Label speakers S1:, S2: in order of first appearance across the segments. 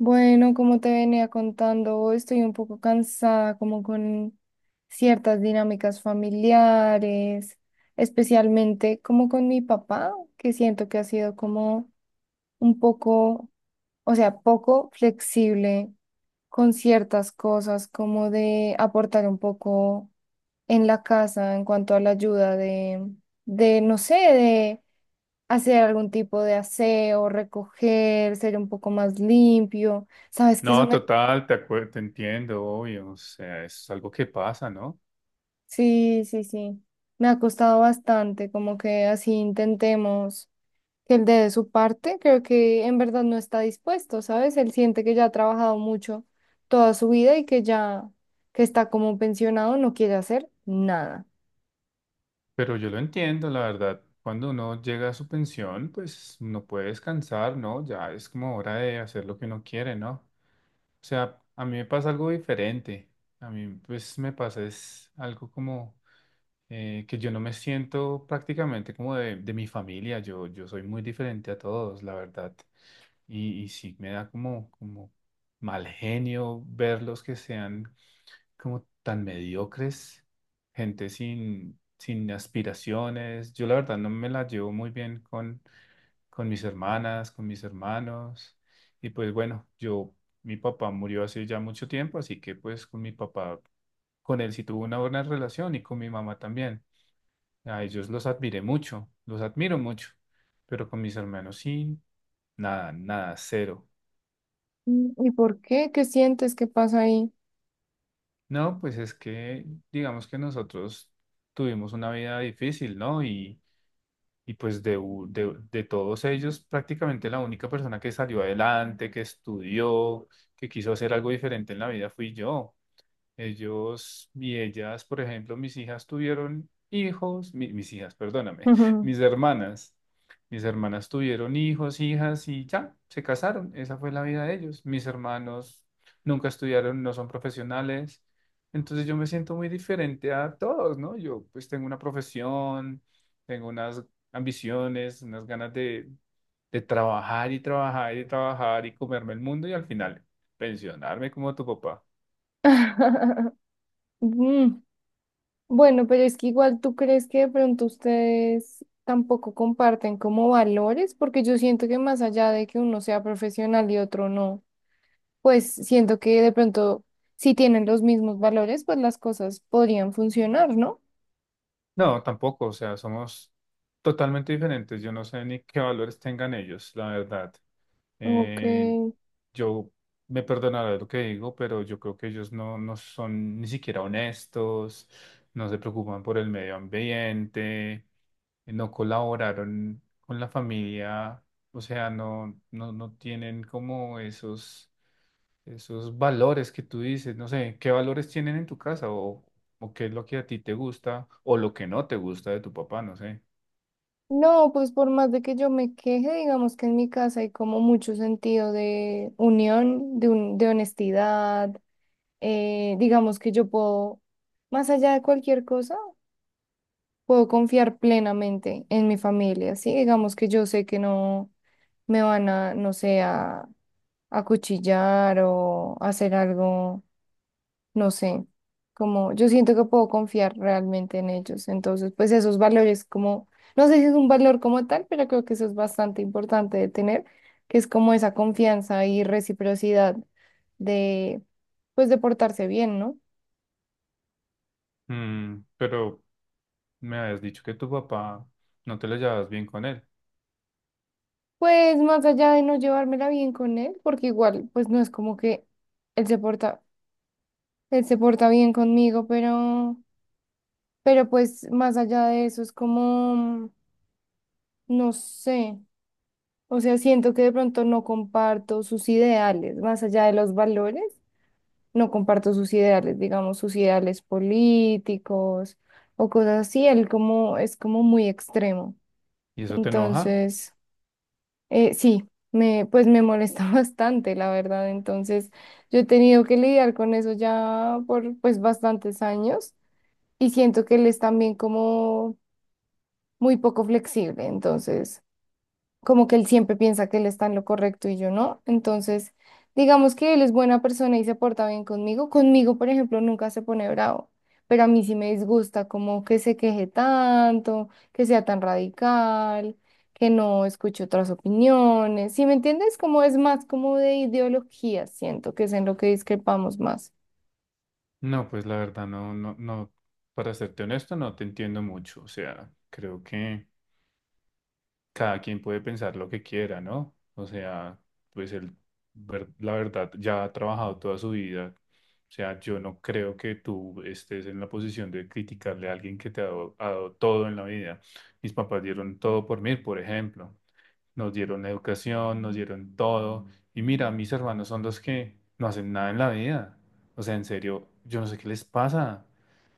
S1: Bueno, como te venía contando, hoy estoy un poco cansada, como con ciertas dinámicas familiares, especialmente como con mi papá, que siento que ha sido como un poco, o sea, poco flexible con ciertas cosas, como de aportar un poco en la casa en cuanto a la ayuda de, no sé, de hacer algún tipo de aseo, recoger, ser un poco más limpio. Sabes que eso.
S2: No, total, te entiendo, obvio, o sea, es algo que pasa, ¿no?
S1: Sí, sí, sí. Me ha costado bastante, como que así intentemos que él dé de su parte. Creo que en verdad no está dispuesto, ¿sabes? Él siente que ya ha trabajado mucho toda su vida y que ya que está como pensionado, no quiere hacer nada.
S2: Pero yo lo entiendo, la verdad. Cuando uno llega a su pensión, pues no puede descansar, ¿no? Ya es como hora de hacer lo que uno quiere, ¿no? O sea, a mí me pasa algo diferente. A mí, pues, me pasa es algo como que yo no me siento prácticamente como de mi familia. Yo soy muy diferente a todos, la verdad. Y sí, me da como, como mal genio verlos que sean como tan mediocres, gente sin aspiraciones. Yo la verdad no me la llevo muy bien con mis hermanas, con mis hermanos. Y pues bueno, yo, mi papá murió hace ya mucho tiempo, así que pues con mi papá, con él sí tuve una buena relación y con mi mamá también. A ellos los admiré mucho, los admiro mucho, pero con mis hermanos sí, nada, nada, cero.
S1: Mm, ¿y por qué? ¿Qué sientes? ¿Qué pasa ahí?
S2: No, pues es que digamos que nosotros tuvimos una vida difícil, ¿no? Y, y pues de todos ellos, prácticamente la única persona que salió adelante, que estudió, que quiso hacer algo diferente en la vida fui yo. Ellos y ellas, por ejemplo, mis hijas tuvieron hijos, mis hijas, perdóname, mis hermanas. Mis hermanas tuvieron hijos, hijas y ya, se casaron. Esa fue la vida de ellos. Mis hermanos nunca estudiaron, no son profesionales. Entonces yo me siento muy diferente a todos, ¿no? Yo pues tengo una profesión, tengo unas ambiciones, unas ganas de trabajar y trabajar y trabajar y comerme el mundo y al final pensionarme como tu papá.
S1: Mm, bueno, pero es que igual tú crees que de pronto ustedes tampoco comparten como valores, porque yo siento que más allá de que uno sea profesional y otro no. Pues siento que de pronto, si tienen los mismos valores, pues las cosas podrían funcionar, ¿no?
S2: No, tampoco, o sea, somos totalmente diferentes. Yo no sé ni qué valores tengan ellos, la verdad.
S1: Ok.
S2: Eh, yo me perdonaré lo que digo, pero yo creo que ellos no, no son ni siquiera honestos, no se preocupan por el medio ambiente, no colaboraron con la familia, o sea, no, no, no tienen como esos esos valores que tú dices, no sé, ¿qué valores tienen en tu casa o qué es lo que a ti te gusta o lo que no te gusta de tu papá, no sé.
S1: No, pues por más de que yo me queje, digamos que en mi casa hay como mucho sentido de unión, de, de honestidad, digamos que yo puedo, más allá de cualquier cosa, puedo confiar plenamente en mi familia, ¿sí? Digamos que yo sé que no me van a, no sé, a acuchillar o hacer algo, no sé, como yo siento que puedo confiar realmente en ellos. Entonces, pues esos valores como, no sé si es un valor como tal, pero creo que eso es bastante importante de tener, que es como esa confianza y reciprocidad de, pues de portarse bien, ¿no?
S2: Mm, pero me habías dicho que tu papá no te lo llevabas bien con él
S1: Pues más allá de no llevármela bien con él, porque igual, pues no es como que él se porta, él se porta bien conmigo, pero, pues más allá de eso es como, no sé. O sea, siento que de pronto no comparto sus ideales, más allá de los valores, no comparto sus ideales, digamos, sus ideales políticos o cosas así. Él como es como muy extremo.
S2: y eso te enoja.
S1: Entonces, sí, me, pues me molesta bastante, la verdad. Entonces, yo he tenido que lidiar con eso ya por pues bastantes años y siento que él es también como muy poco flexible. Entonces, como que él siempre piensa que él está en lo correcto y yo no. Entonces, digamos que él es buena persona y se porta bien conmigo. Conmigo, por ejemplo, nunca se pone bravo, pero a mí sí me disgusta como que se queje tanto, que sea tan radical, que no escuche otras opiniones. ¿Sí me entiendes? Como es más como de ideología, siento que es en lo que discrepamos más.
S2: No, pues la verdad no, no, no, para serte honesto, no te entiendo mucho. O sea, creo que cada quien puede pensar lo que quiera, ¿no? O sea, pues él, la verdad, ya ha trabajado toda su vida. O sea, yo no creo que tú estés en la posición de criticarle a alguien que te ha dado todo en la vida. Mis papás dieron todo por mí, por ejemplo. Nos dieron educación, nos dieron todo. Y mira, mis hermanos son los que no hacen nada en la vida. O sea, en serio, yo no sé qué les pasa.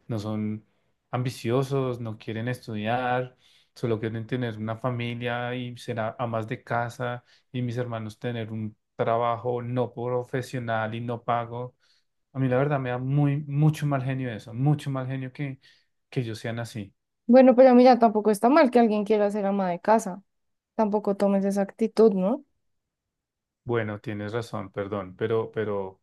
S2: No son ambiciosos, no quieren estudiar solo quieren tener una familia y ser amas de casa y mis hermanos tener un trabajo no profesional y no pago. A mí la verdad me da muy, mucho mal genio eso, mucho mal genio que ellos sean así.
S1: Bueno, pero mira, tampoco está mal que alguien quiera ser ama de casa. Tampoco tomes esa actitud, ¿no?
S2: Bueno, tienes razón, perdón, pero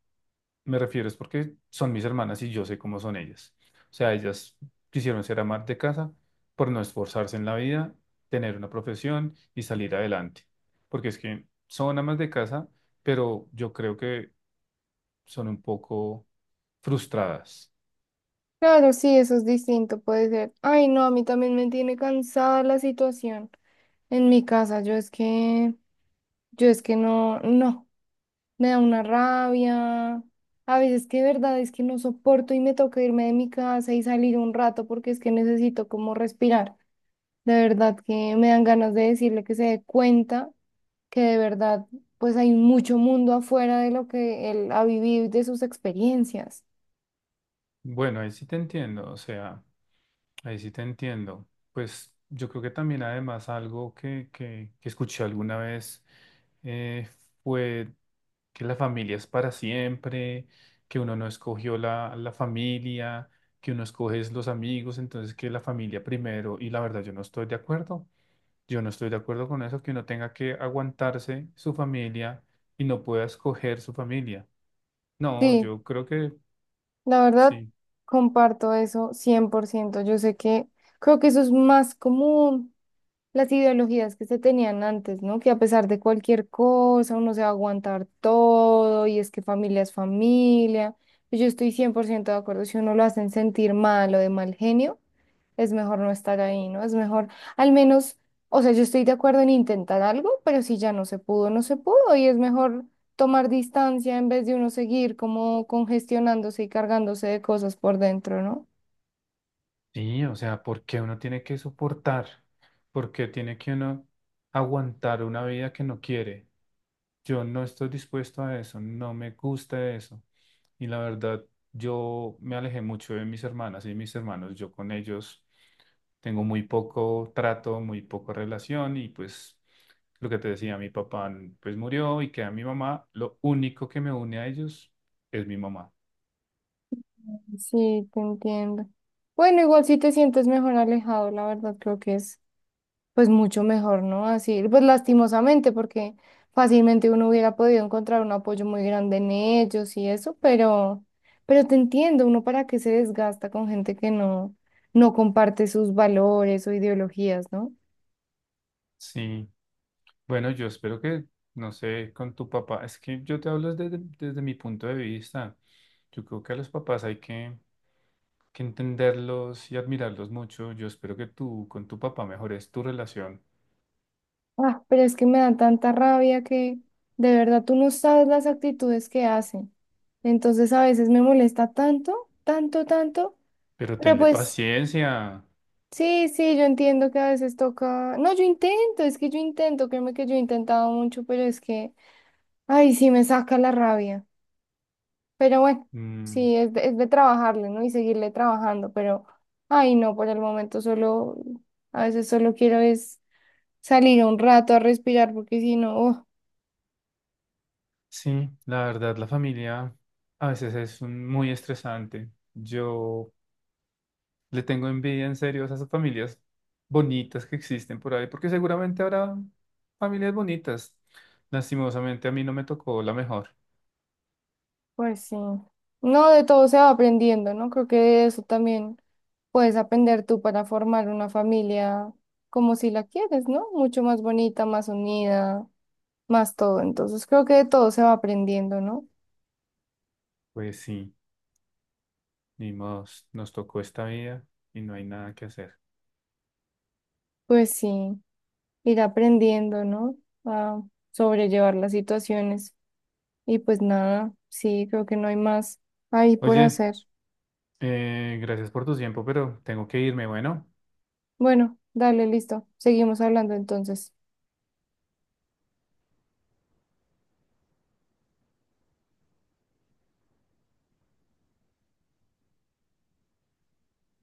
S2: me refiero es porque son mis hermanas y yo sé cómo son ellas. O sea, ellas quisieron ser amas de casa por no esforzarse en la vida, tener una profesión y salir adelante. Porque es que son amas de casa, pero yo creo que son un poco frustradas.
S1: Claro, sí, eso es distinto, puede ser. Ay, no, a mí también me tiene cansada la situación en mi casa. Yo es que no, no, me da una rabia. A veces que de verdad es que no soporto y me toca irme de mi casa y salir un rato porque es que necesito como respirar. De verdad que me dan ganas de decirle que se dé cuenta que de verdad pues hay mucho mundo afuera de lo que él ha vivido y de sus experiencias.
S2: Bueno, ahí sí te entiendo, o sea, ahí sí te entiendo. Pues yo creo que también además algo que escuché alguna vez eh, fue que la familia es para siempre, que uno no escogió la familia, que uno escoge es los amigos, entonces que la familia primero, y la verdad yo no estoy de acuerdo, yo no estoy de acuerdo con eso, que uno tenga que aguantarse su familia y no pueda escoger su familia. No,
S1: Sí.
S2: yo creo que
S1: La verdad,
S2: sí.
S1: comparto eso 100%. Yo sé que creo que eso es más común, las ideologías que se tenían antes, ¿no? Que a pesar de cualquier cosa uno se va a aguantar todo y es que familia es familia. Yo estoy 100% de acuerdo, si uno lo hacen sentir mal o de mal genio, es mejor no estar ahí, ¿no? Es mejor, al menos, o sea, yo estoy de acuerdo en intentar algo, pero si ya no se pudo, no se pudo y es mejor tomar distancia en vez de uno seguir como congestionándose y cargándose de cosas por dentro, ¿no?
S2: Sí, o sea, ¿por qué uno tiene que soportar? ¿Por qué tiene que uno aguantar una vida que no quiere? Yo no estoy dispuesto a eso, no me gusta eso. Y la verdad, yo me alejé mucho de mis hermanas y mis hermanos. Yo con ellos tengo muy poco trato, muy poca relación y pues lo que te decía, mi papá pues murió y queda mi mamá. Lo único que me une a ellos es mi mamá.
S1: Sí, te entiendo. Bueno, igual si te sientes mejor alejado, la verdad creo que es pues mucho mejor, ¿no? Así, pues lastimosamente, porque fácilmente uno hubiera podido encontrar un apoyo muy grande en ellos y eso, pero te entiendo, uno para qué se desgasta con gente que no, no comparte sus valores o ideologías, ¿no?
S2: Sí, bueno, yo espero que, no sé, con tu papá, es que yo te hablo desde mi punto de vista. Yo creo que a los papás hay que entenderlos y admirarlos mucho. Yo espero que tú con tu papá mejores tu relación.
S1: Ah, pero es que me da tanta rabia que de verdad tú no sabes las actitudes que hacen. Entonces a veces me molesta tanto, tanto, tanto.
S2: Pero
S1: Pero
S2: tenle
S1: pues
S2: paciencia.
S1: sí, sí, yo entiendo que a veces toca. No, yo intento, es que yo intento, créeme que yo he intentado mucho, pero es que, ay, sí me saca la rabia. Pero bueno,
S2: Mm,
S1: sí, es de trabajarle, ¿no? Y seguirle trabajando, pero, ay, no, por el momento solo, a veces solo quiero es salir un rato a respirar, porque si no, oh,
S2: sí, la verdad, la familia a veces es muy estresante. Yo le tengo envidia en serio a esas familias bonitas que existen por ahí, porque seguramente habrá familias bonitas. Lastimosamente a mí no me tocó la mejor.
S1: pues sí. No, de todo se va aprendiendo, ¿no? Creo que de eso también puedes aprender tú para formar una familia como si la quieres, ¿no? Mucho más bonita, más unida, más todo. Entonces creo que de todo se va aprendiendo, ¿no?
S2: Pues sí, ni modos, nos tocó esta vida y no hay nada que hacer.
S1: Pues sí, ir aprendiendo, ¿no? A sobrellevar las situaciones. Y pues nada, sí, creo que no hay más ahí por
S2: Oye,
S1: hacer.
S2: gracias por tu tiempo, pero tengo que irme, bueno.
S1: Bueno, dale, listo. Seguimos hablando entonces.